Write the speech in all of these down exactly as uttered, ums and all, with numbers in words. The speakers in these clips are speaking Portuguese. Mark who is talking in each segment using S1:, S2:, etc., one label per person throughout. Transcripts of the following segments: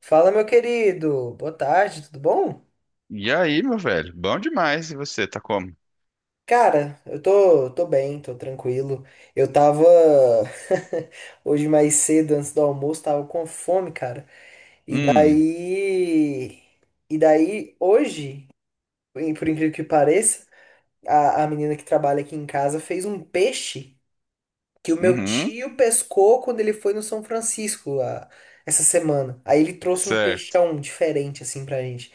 S1: Fala, meu querido. Boa tarde, tudo bom?
S2: E aí, meu velho? Bom demais. E você, tá como?
S1: Cara, eu tô, tô bem, tô tranquilo. Eu tava hoje mais cedo, antes do almoço, tava com fome, cara. E
S2: Hum,
S1: daí, e daí hoje, por incrível que pareça, a, a menina que trabalha aqui em casa fez um peixe que o meu
S2: uhum,
S1: tio pescou quando ele foi no São Francisco a, essa semana. Aí ele trouxe um
S2: certo.
S1: peixão diferente assim pra gente.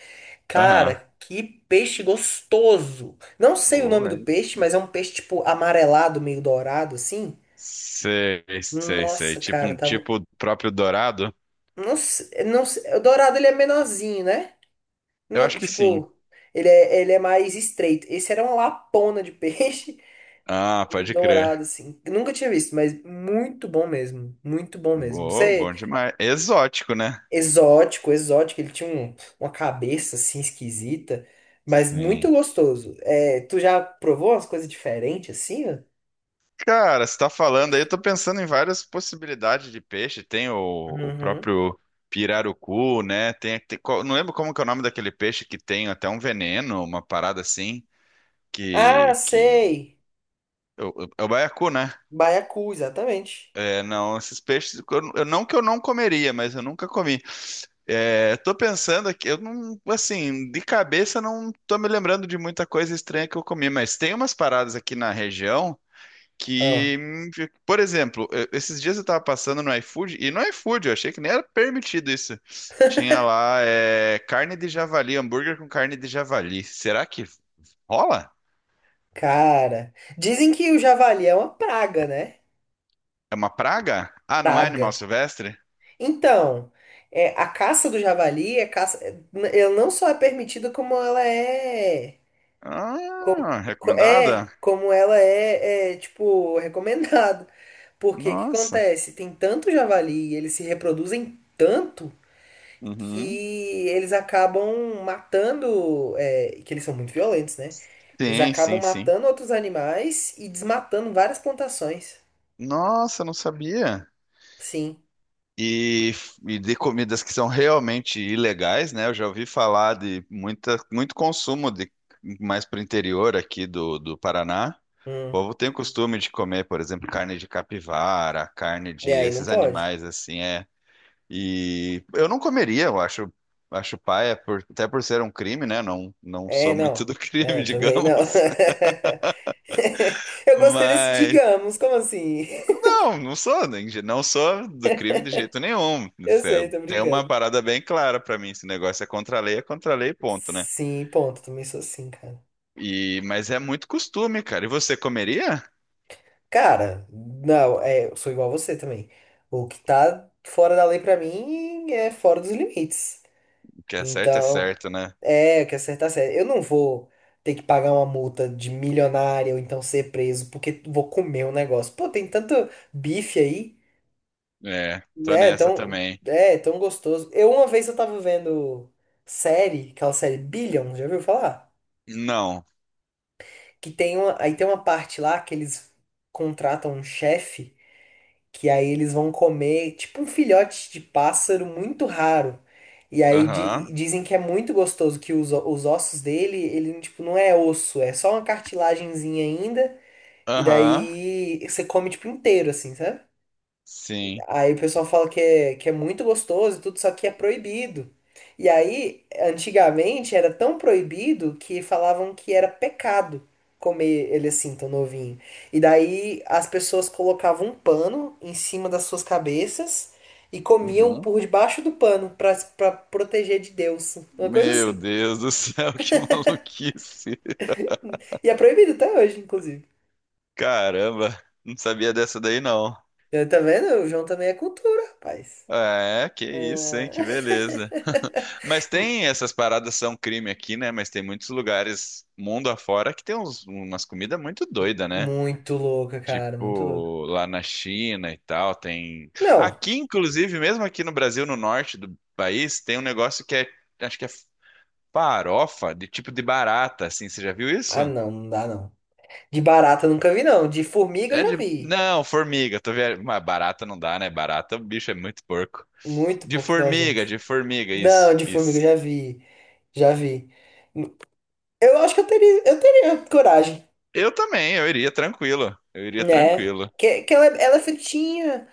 S2: Aham.
S1: Cara, que peixe gostoso! Não sei o
S2: Oh,
S1: nome do
S2: é
S1: peixe,
S2: sim.
S1: mas é um peixe tipo amarelado, meio dourado assim.
S2: Sei, sei, sei.
S1: Nossa,
S2: Tipo
S1: cara,
S2: um
S1: tava.
S2: tipo próprio dourado?
S1: Não sei, não sei- O dourado ele é menorzinho, né?
S2: Eu
S1: Não,
S2: acho que sim.
S1: tipo, ele é, ele é mais estreito. Esse era uma lapona de peixe.
S2: Ah,
S1: E o
S2: pode crer.
S1: dourado, assim. Nunca tinha visto, mas muito bom mesmo. Muito bom mesmo.
S2: Boa,
S1: Você...
S2: bom demais. Exótico, né?
S1: Exótico, exótico. Ele tinha um- uma cabeça assim esquisita, mas muito
S2: Sim.
S1: gostoso. É, tu já provou umas coisas diferentes assim, ó?
S2: Cara, você tá falando aí, eu tô pensando em várias possibilidades de peixe. Tem o, o
S1: Uhum.
S2: próprio pirarucu, né? Tem, tem- qual- não lembro como que é o nome daquele peixe que tem até um veneno, uma parada assim,
S1: Ah,
S2: que, que
S1: sei!
S2: Eu- eu- é o baiacu, né?
S1: Baiacu, exatamente.
S2: É, não, esses peixes, eu, eu- não que eu não comeria, mas eu nunca comi. É, tô pensando aqui, eu não, assim, de cabeça não tô me lembrando de muita coisa estranha que eu comi, mas tem umas paradas aqui na região que,
S1: Ah,
S2: hum, por exemplo, eu- esses dias eu tava passando no iFood, e no iFood eu achei que nem era permitido isso. Tinha lá, é, carne de javali, hambúrguer com carne de javali. Será que rola?
S1: cara. Dizem que o javali é uma praga, né?
S2: É uma praga? Ah, não é animal
S1: Praga.
S2: silvestre?
S1: Então, é, a caça do javali é caça, ela não só é permitida, como ela é. Com-
S2: Ah,
S1: co-
S2: recomendada?
S1: é, como ela é, é, tipo, recomendado. Porque o que
S2: Nossa.
S1: acontece? Tem tanto javali e eles se reproduzem tanto
S2: Uhum.
S1: que eles acabam matando, é, que eles são muito violentos, né? Eles
S2: Sim,
S1: acabam
S2: sim, sim.
S1: matando outros animais e desmatando várias plantações.
S2: Nossa, não sabia.
S1: Sim.
S2: E, e de comidas que são realmente ilegais, né? Eu já ouvi falar de muita, muito consumo de mais para o interior aqui do, do Paraná. O
S1: Hum.
S2: povo tem o costume de comer, por exemplo, carne de capivara, carne
S1: E
S2: de
S1: aí não
S2: esses
S1: pode.
S2: animais assim, é. E eu não comeria, eu acho, acho paia, por- até por ser um crime, né? Não, não
S1: É,
S2: sou muito
S1: não.
S2: do
S1: É,
S2: crime,
S1: eu também não.
S2: digamos.
S1: Eu gostei desse
S2: Mas
S1: digamos, como assim?
S2: não, não sou, nem- não sou do crime de jeito nenhum.
S1: Eu
S2: É,
S1: sei, tô
S2: tem uma
S1: brincando.
S2: parada bem clara pra mim, esse negócio é contra a lei, é contra a lei, ponto, né?
S1: Sim, ponto. Também sou assim, cara.
S2: E mas é muito costume, cara. E você comeria?
S1: Cara, não, é, eu sou igual a você também. O que tá fora da lei pra mim é fora dos limites.
S2: O que é certo é
S1: Então,
S2: certo, né?
S1: é, o que acertar certo. Eu não vou ter que pagar uma multa de milionária ou então ser preso porque vou comer um negócio. Pô, tem tanto bife aí,
S2: É, tô
S1: né?
S2: nessa
S1: Tão,
S2: também.
S1: é, tão gostoso. Eu uma vez eu tava vendo série, aquela série Billion, já ouviu falar?
S2: Não.
S1: Que tem uma, aí tem uma parte lá que eles contratam um chefe que aí eles vão comer tipo um filhote de pássaro muito raro. E aí
S2: Aham.
S1: di- dizem que é muito gostoso, que os, os ossos dele, ele tipo não é osso, é só uma cartilagenzinha ainda, e
S2: Aham.
S1: daí você come tipo inteiro assim, sabe?
S2: Sim.
S1: Aí o pessoal fala que é, que é muito gostoso e tudo, só que é proibido. E aí, antigamente era tão proibido que falavam que era pecado comer ele assim, tão novinho. E daí as pessoas colocavam um pano em cima das suas cabeças e comiam
S2: Uhum.
S1: por debaixo do pano pra, pra proteger de Deus. Uma coisa
S2: Meu
S1: assim.
S2: Deus do céu, que maluquice.
S1: E é proibido até hoje, inclusive.
S2: Caramba, não sabia dessa daí não.
S1: Eu, tá vendo? O João também é cultura, rapaz.
S2: É, que isso, hein? Que beleza. Mas tem essas paradas são crime aqui, né? Mas tem muitos lugares mundo afora que tem uns- umas comidas muito doidas, né?
S1: Muito louca, cara, muito louca.
S2: Tipo, lá na China e tal, tem.
S1: Não.
S2: Aqui, inclusive, mesmo aqui no Brasil, no norte do país, tem um negócio que é, acho que é farofa de tipo de barata, assim. Você já viu
S1: Ah,
S2: isso?
S1: não, não dá não. De barata eu nunca vi, não. De formiga eu
S2: É
S1: já
S2: de.
S1: vi.
S2: Não, formiga. Tô vendo. Mas barata não dá, né? Barata, o bicho é muito porco.
S1: Muito
S2: De
S1: pouco nojento.
S2: formiga, de formiga,
S1: Não,
S2: isso,
S1: de formiga eu já
S2: isso.
S1: vi. Já vi. Eu acho que eu teria, eu teria coragem,
S2: Eu também, eu iria tranquilo. Eu iria
S1: né?
S2: tranquilo.
S1: Que, que ela, é- ela é fritinha,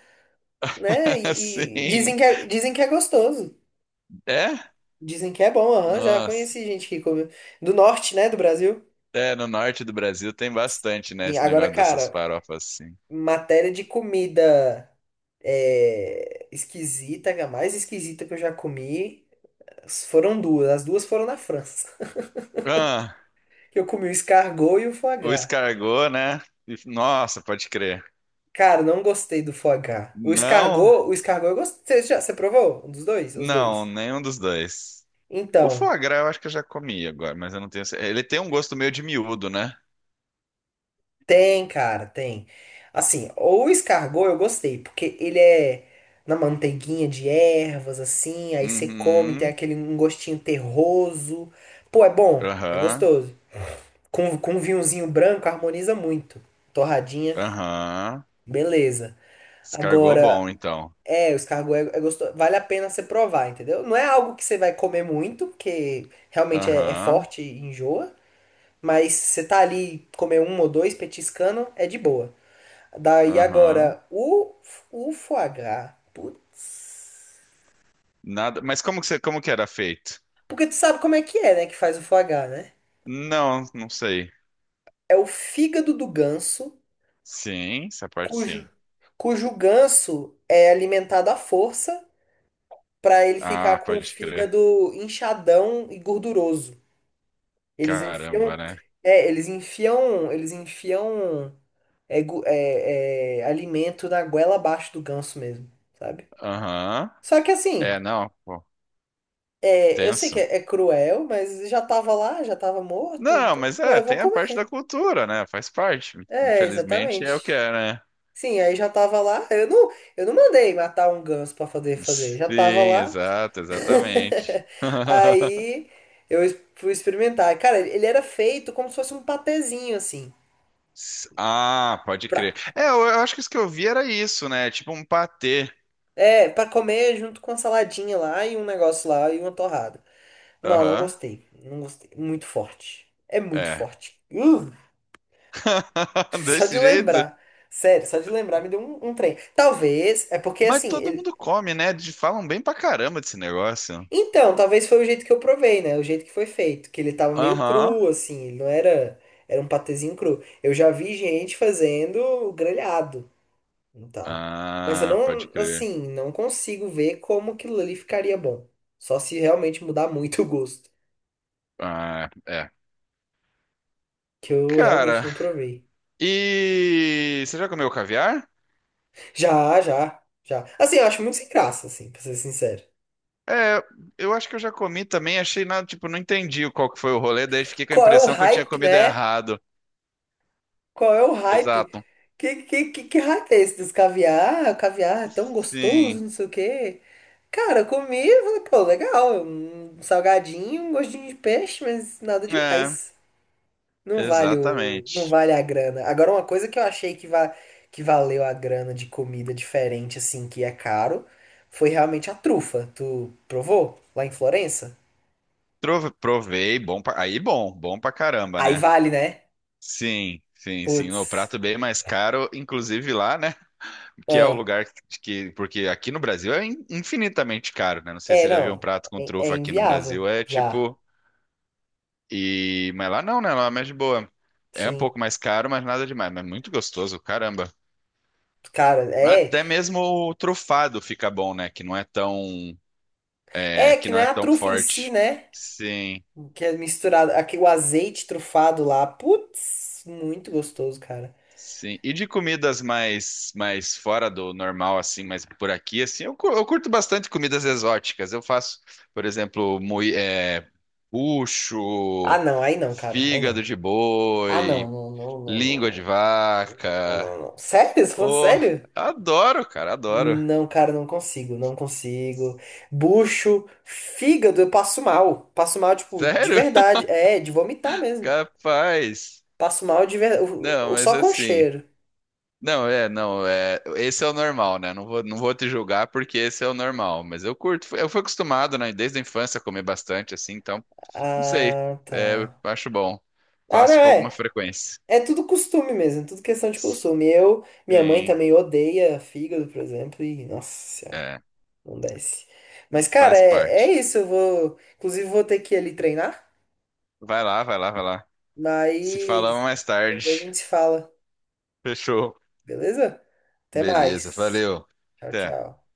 S1: né? E, e
S2: Sim.
S1: dizem que é, dizem que é gostoso.
S2: É?
S1: Dizem que é bom, aham. Já
S2: Nossa.
S1: conheci gente que come. Do norte, né? Do Brasil.
S2: É, no norte do Brasil tem bastante, né?
S1: E
S2: Esse
S1: agora,
S2: negócio dessas
S1: cara,
S2: farofas assim.
S1: matéria de comida é, esquisita, a mais esquisita que eu já comi, foram duas. As duas foram na França,
S2: Ah,
S1: que eu comi o escargot e o foie
S2: o
S1: gras.
S2: escargot, né? E- nossa, pode crer.
S1: Cara, não gostei do foie gras. O
S2: Não,
S1: escargot, o escargot eu gostei. Você, já, você provou? Um dos dois? Os
S2: não,
S1: dois.
S2: nenhum dos dois. O
S1: Então,
S2: foie gras eu acho que eu já comi agora, mas eu não tenho. cer- Ele tem um gosto meio de miúdo, né?
S1: tem, cara, tem. Assim, o escargot eu gostei, porque ele é na manteiguinha de ervas, assim, aí você come, tem
S2: Uhum,
S1: aquele um gostinho terroso. Pô, é bom, é
S2: aham,
S1: gostoso. Com, com um vinhozinho branco harmoniza muito. Torradinha,
S2: aham.
S1: beleza.
S2: Escargot
S1: Agora,
S2: bom, então.
S1: é, os cargo é, é gostoso. Vale a pena você provar, entendeu? Não é algo que você vai comer muito, porque realmente é, é
S2: Aham,
S1: forte e enjoa. Mas você tá ali comer um ou dois petiscando, é de boa. Daí
S2: aham.
S1: agora, o, o foie gras. Putz.
S2: Nada. Mas como que você, como que era feito?
S1: Porque tu sabe como é que é, né, que faz o foie gras, né?
S2: Não, não sei.
S1: É o fígado do ganso,
S2: Sim, essa parte
S1: cujo,
S2: sim.
S1: cujo ganso é alimentado à força para ele
S2: Ah,
S1: ficar com o
S2: pode crer.
S1: fígado inchadão e gorduroso. Eles
S2: Caramba,
S1: enfiam,
S2: né?
S1: é, eles enfiam, eles enfiam é, gu- é, é, alimento na goela abaixo do ganso mesmo, sabe?
S2: Aham.
S1: Só que
S2: É,
S1: assim,
S2: não, pô,
S1: é, eu sei que
S2: tenso.
S1: é, é cruel, mas já tava lá, já tava morto,
S2: Não,
S1: então
S2: mas
S1: pô,
S2: é,
S1: eu vou
S2: tem a parte da
S1: comer.
S2: cultura, né? Faz parte.
S1: É,
S2: Infelizmente é o que
S1: exatamente.
S2: é, né?
S1: Sim, aí já tava lá. Eu não, eu não mandei matar um ganso pra fazer fazer, já tava
S2: Sim,
S1: lá.
S2: exato, exatamente.
S1: Aí eu es- fui experimentar. Cara, ele era feito como se fosse um patezinho assim.
S2: S- Ah, pode crer. É, eu, eu acho que isso que eu vi era isso, né? Tipo um patê.
S1: É, pra comer junto com a saladinha lá e um negócio lá e uma torrada. Não, não
S2: Aham,
S1: gostei. Não gostei. Muito forte. É muito
S2: é.
S1: forte. Uh, só de
S2: Desse jeito.
S1: lembrar. Sério, só de lembrar me deu um, um trem. Talvez, é porque
S2: Mas
S1: assim,
S2: todo
S1: ele...
S2: mundo come, né? De- Falam bem pra caramba desse negócio.
S1: Então, talvez foi o jeito que eu provei, né? O jeito que foi feito. Que ele tava meio
S2: Aham.
S1: cru, assim. Ele não era... Era um patezinho cru. Eu já vi gente fazendo grelhado e tal. Mas eu
S2: Ah, pode
S1: não,
S2: crer.
S1: assim, não consigo ver como aquilo ali ficaria bom. Só se realmente mudar muito o gosto,
S2: Ah, é.
S1: que eu realmente
S2: Cara,
S1: não provei.
S2: e você já comeu caviar?
S1: Já, já, já. Assim, eu acho muito sem graça, assim, pra ser sincero.
S2: É, eu acho que eu já comi também, achei nada, tipo, não entendi qual que foi o rolê, daí fiquei com a
S1: Qual é o
S2: impressão que eu tinha
S1: hype,
S2: comido
S1: né?
S2: errado.
S1: Qual é o hype?
S2: Exato.
S1: Que, que, que, que hype é esse dos caviar? O caviar é tão
S2: Sim.
S1: gostoso, não sei o quê. Cara, eu comi e falei, pô, legal, um salgadinho, um gostinho de peixe, mas nada
S2: É,
S1: demais. Não vale o, não
S2: exatamente.
S1: vale a grana. Agora, uma coisa que eu achei que, va que valeu a grana de comida diferente, assim, que é caro, foi realmente a trufa. Tu provou lá em Florença?
S2: Trove- Provei, bom pra... aí bom, bom pra caramba,
S1: Aí
S2: né?
S1: vale, né?
S2: Sim, sim, sim. O
S1: Putz.
S2: prato bem mais caro, inclusive lá, né? Que é o
S1: Ah.
S2: lugar de que, porque aqui no Brasil é in- infinitamente caro, né? Não sei se
S1: É,
S2: você já viu um
S1: não.
S2: prato com
S1: É, é
S2: trufa aqui no
S1: inviável.
S2: Brasil, é
S1: Já.
S2: tipo, e, mas lá não, né? Lá é mais de boa. É um
S1: Sim.
S2: pouco mais caro, mas nada demais, mas muito gostoso, caramba.
S1: Cara, é.
S2: Até mesmo o trufado fica bom, né? Que não é tão, é,
S1: É
S2: que
S1: que
S2: não
S1: não é
S2: é
S1: a
S2: tão
S1: trufa em si,
S2: forte.
S1: né?
S2: Sim.
S1: Que é misturado. Aqui, o azeite trufado lá. Putz, muito gostoso, cara.
S2: Sim. E de comidas mais mais fora do normal, assim, mas por aqui, assim, eu, cu- eu curto bastante comidas exóticas. Eu faço, por exemplo, mui, é,
S1: Ah,
S2: bucho,
S1: não. Aí não, cara. Aí não.
S2: fígado de
S1: Ah, não,
S2: boi,
S1: não, não, não,
S2: língua de
S1: não. Não,
S2: vaca.
S1: não, não. Sério? Você tá falando
S2: Oh,
S1: sério?
S2: adoro, cara, adoro.
S1: Não, cara, não consigo, não consigo. Bucho, fígado, eu passo mal. Passo mal, tipo, de
S2: Sério?
S1: verdade. É, de vomitar mesmo.
S2: Capaz.
S1: Passo mal de verdade.
S2: Não,
S1: Ou
S2: mas
S1: só com
S2: assim.
S1: cheiro.
S2: Não, é, não, é, esse é o normal, né? Não vou, não vou te julgar porque esse é o normal, mas eu curto, eu fui acostumado, né, desde a infância a comer bastante assim, então, não sei,
S1: Ah,
S2: é, eu
S1: tá.
S2: acho bom.
S1: Ah, não,
S2: Faço com alguma
S1: é.
S2: frequência.
S1: É tudo costume mesmo, é tudo questão de costume. Eu, minha mãe
S2: Sim,
S1: também odeia fígado, por exemplo, e nossa senhora,
S2: é,
S1: não desce. Mas, cara,
S2: faz
S1: é, é
S2: parte.
S1: isso. Eu vou. Inclusive, vou ter que ir ali treinar,
S2: Vai lá, vai lá, vai lá. Se falamos
S1: mas
S2: mais
S1: depois a
S2: tarde.
S1: gente se fala.
S2: Fechou.
S1: Beleza? Até
S2: Beleza,
S1: mais.
S2: valeu.
S1: Tchau,
S2: Até.
S1: tchau.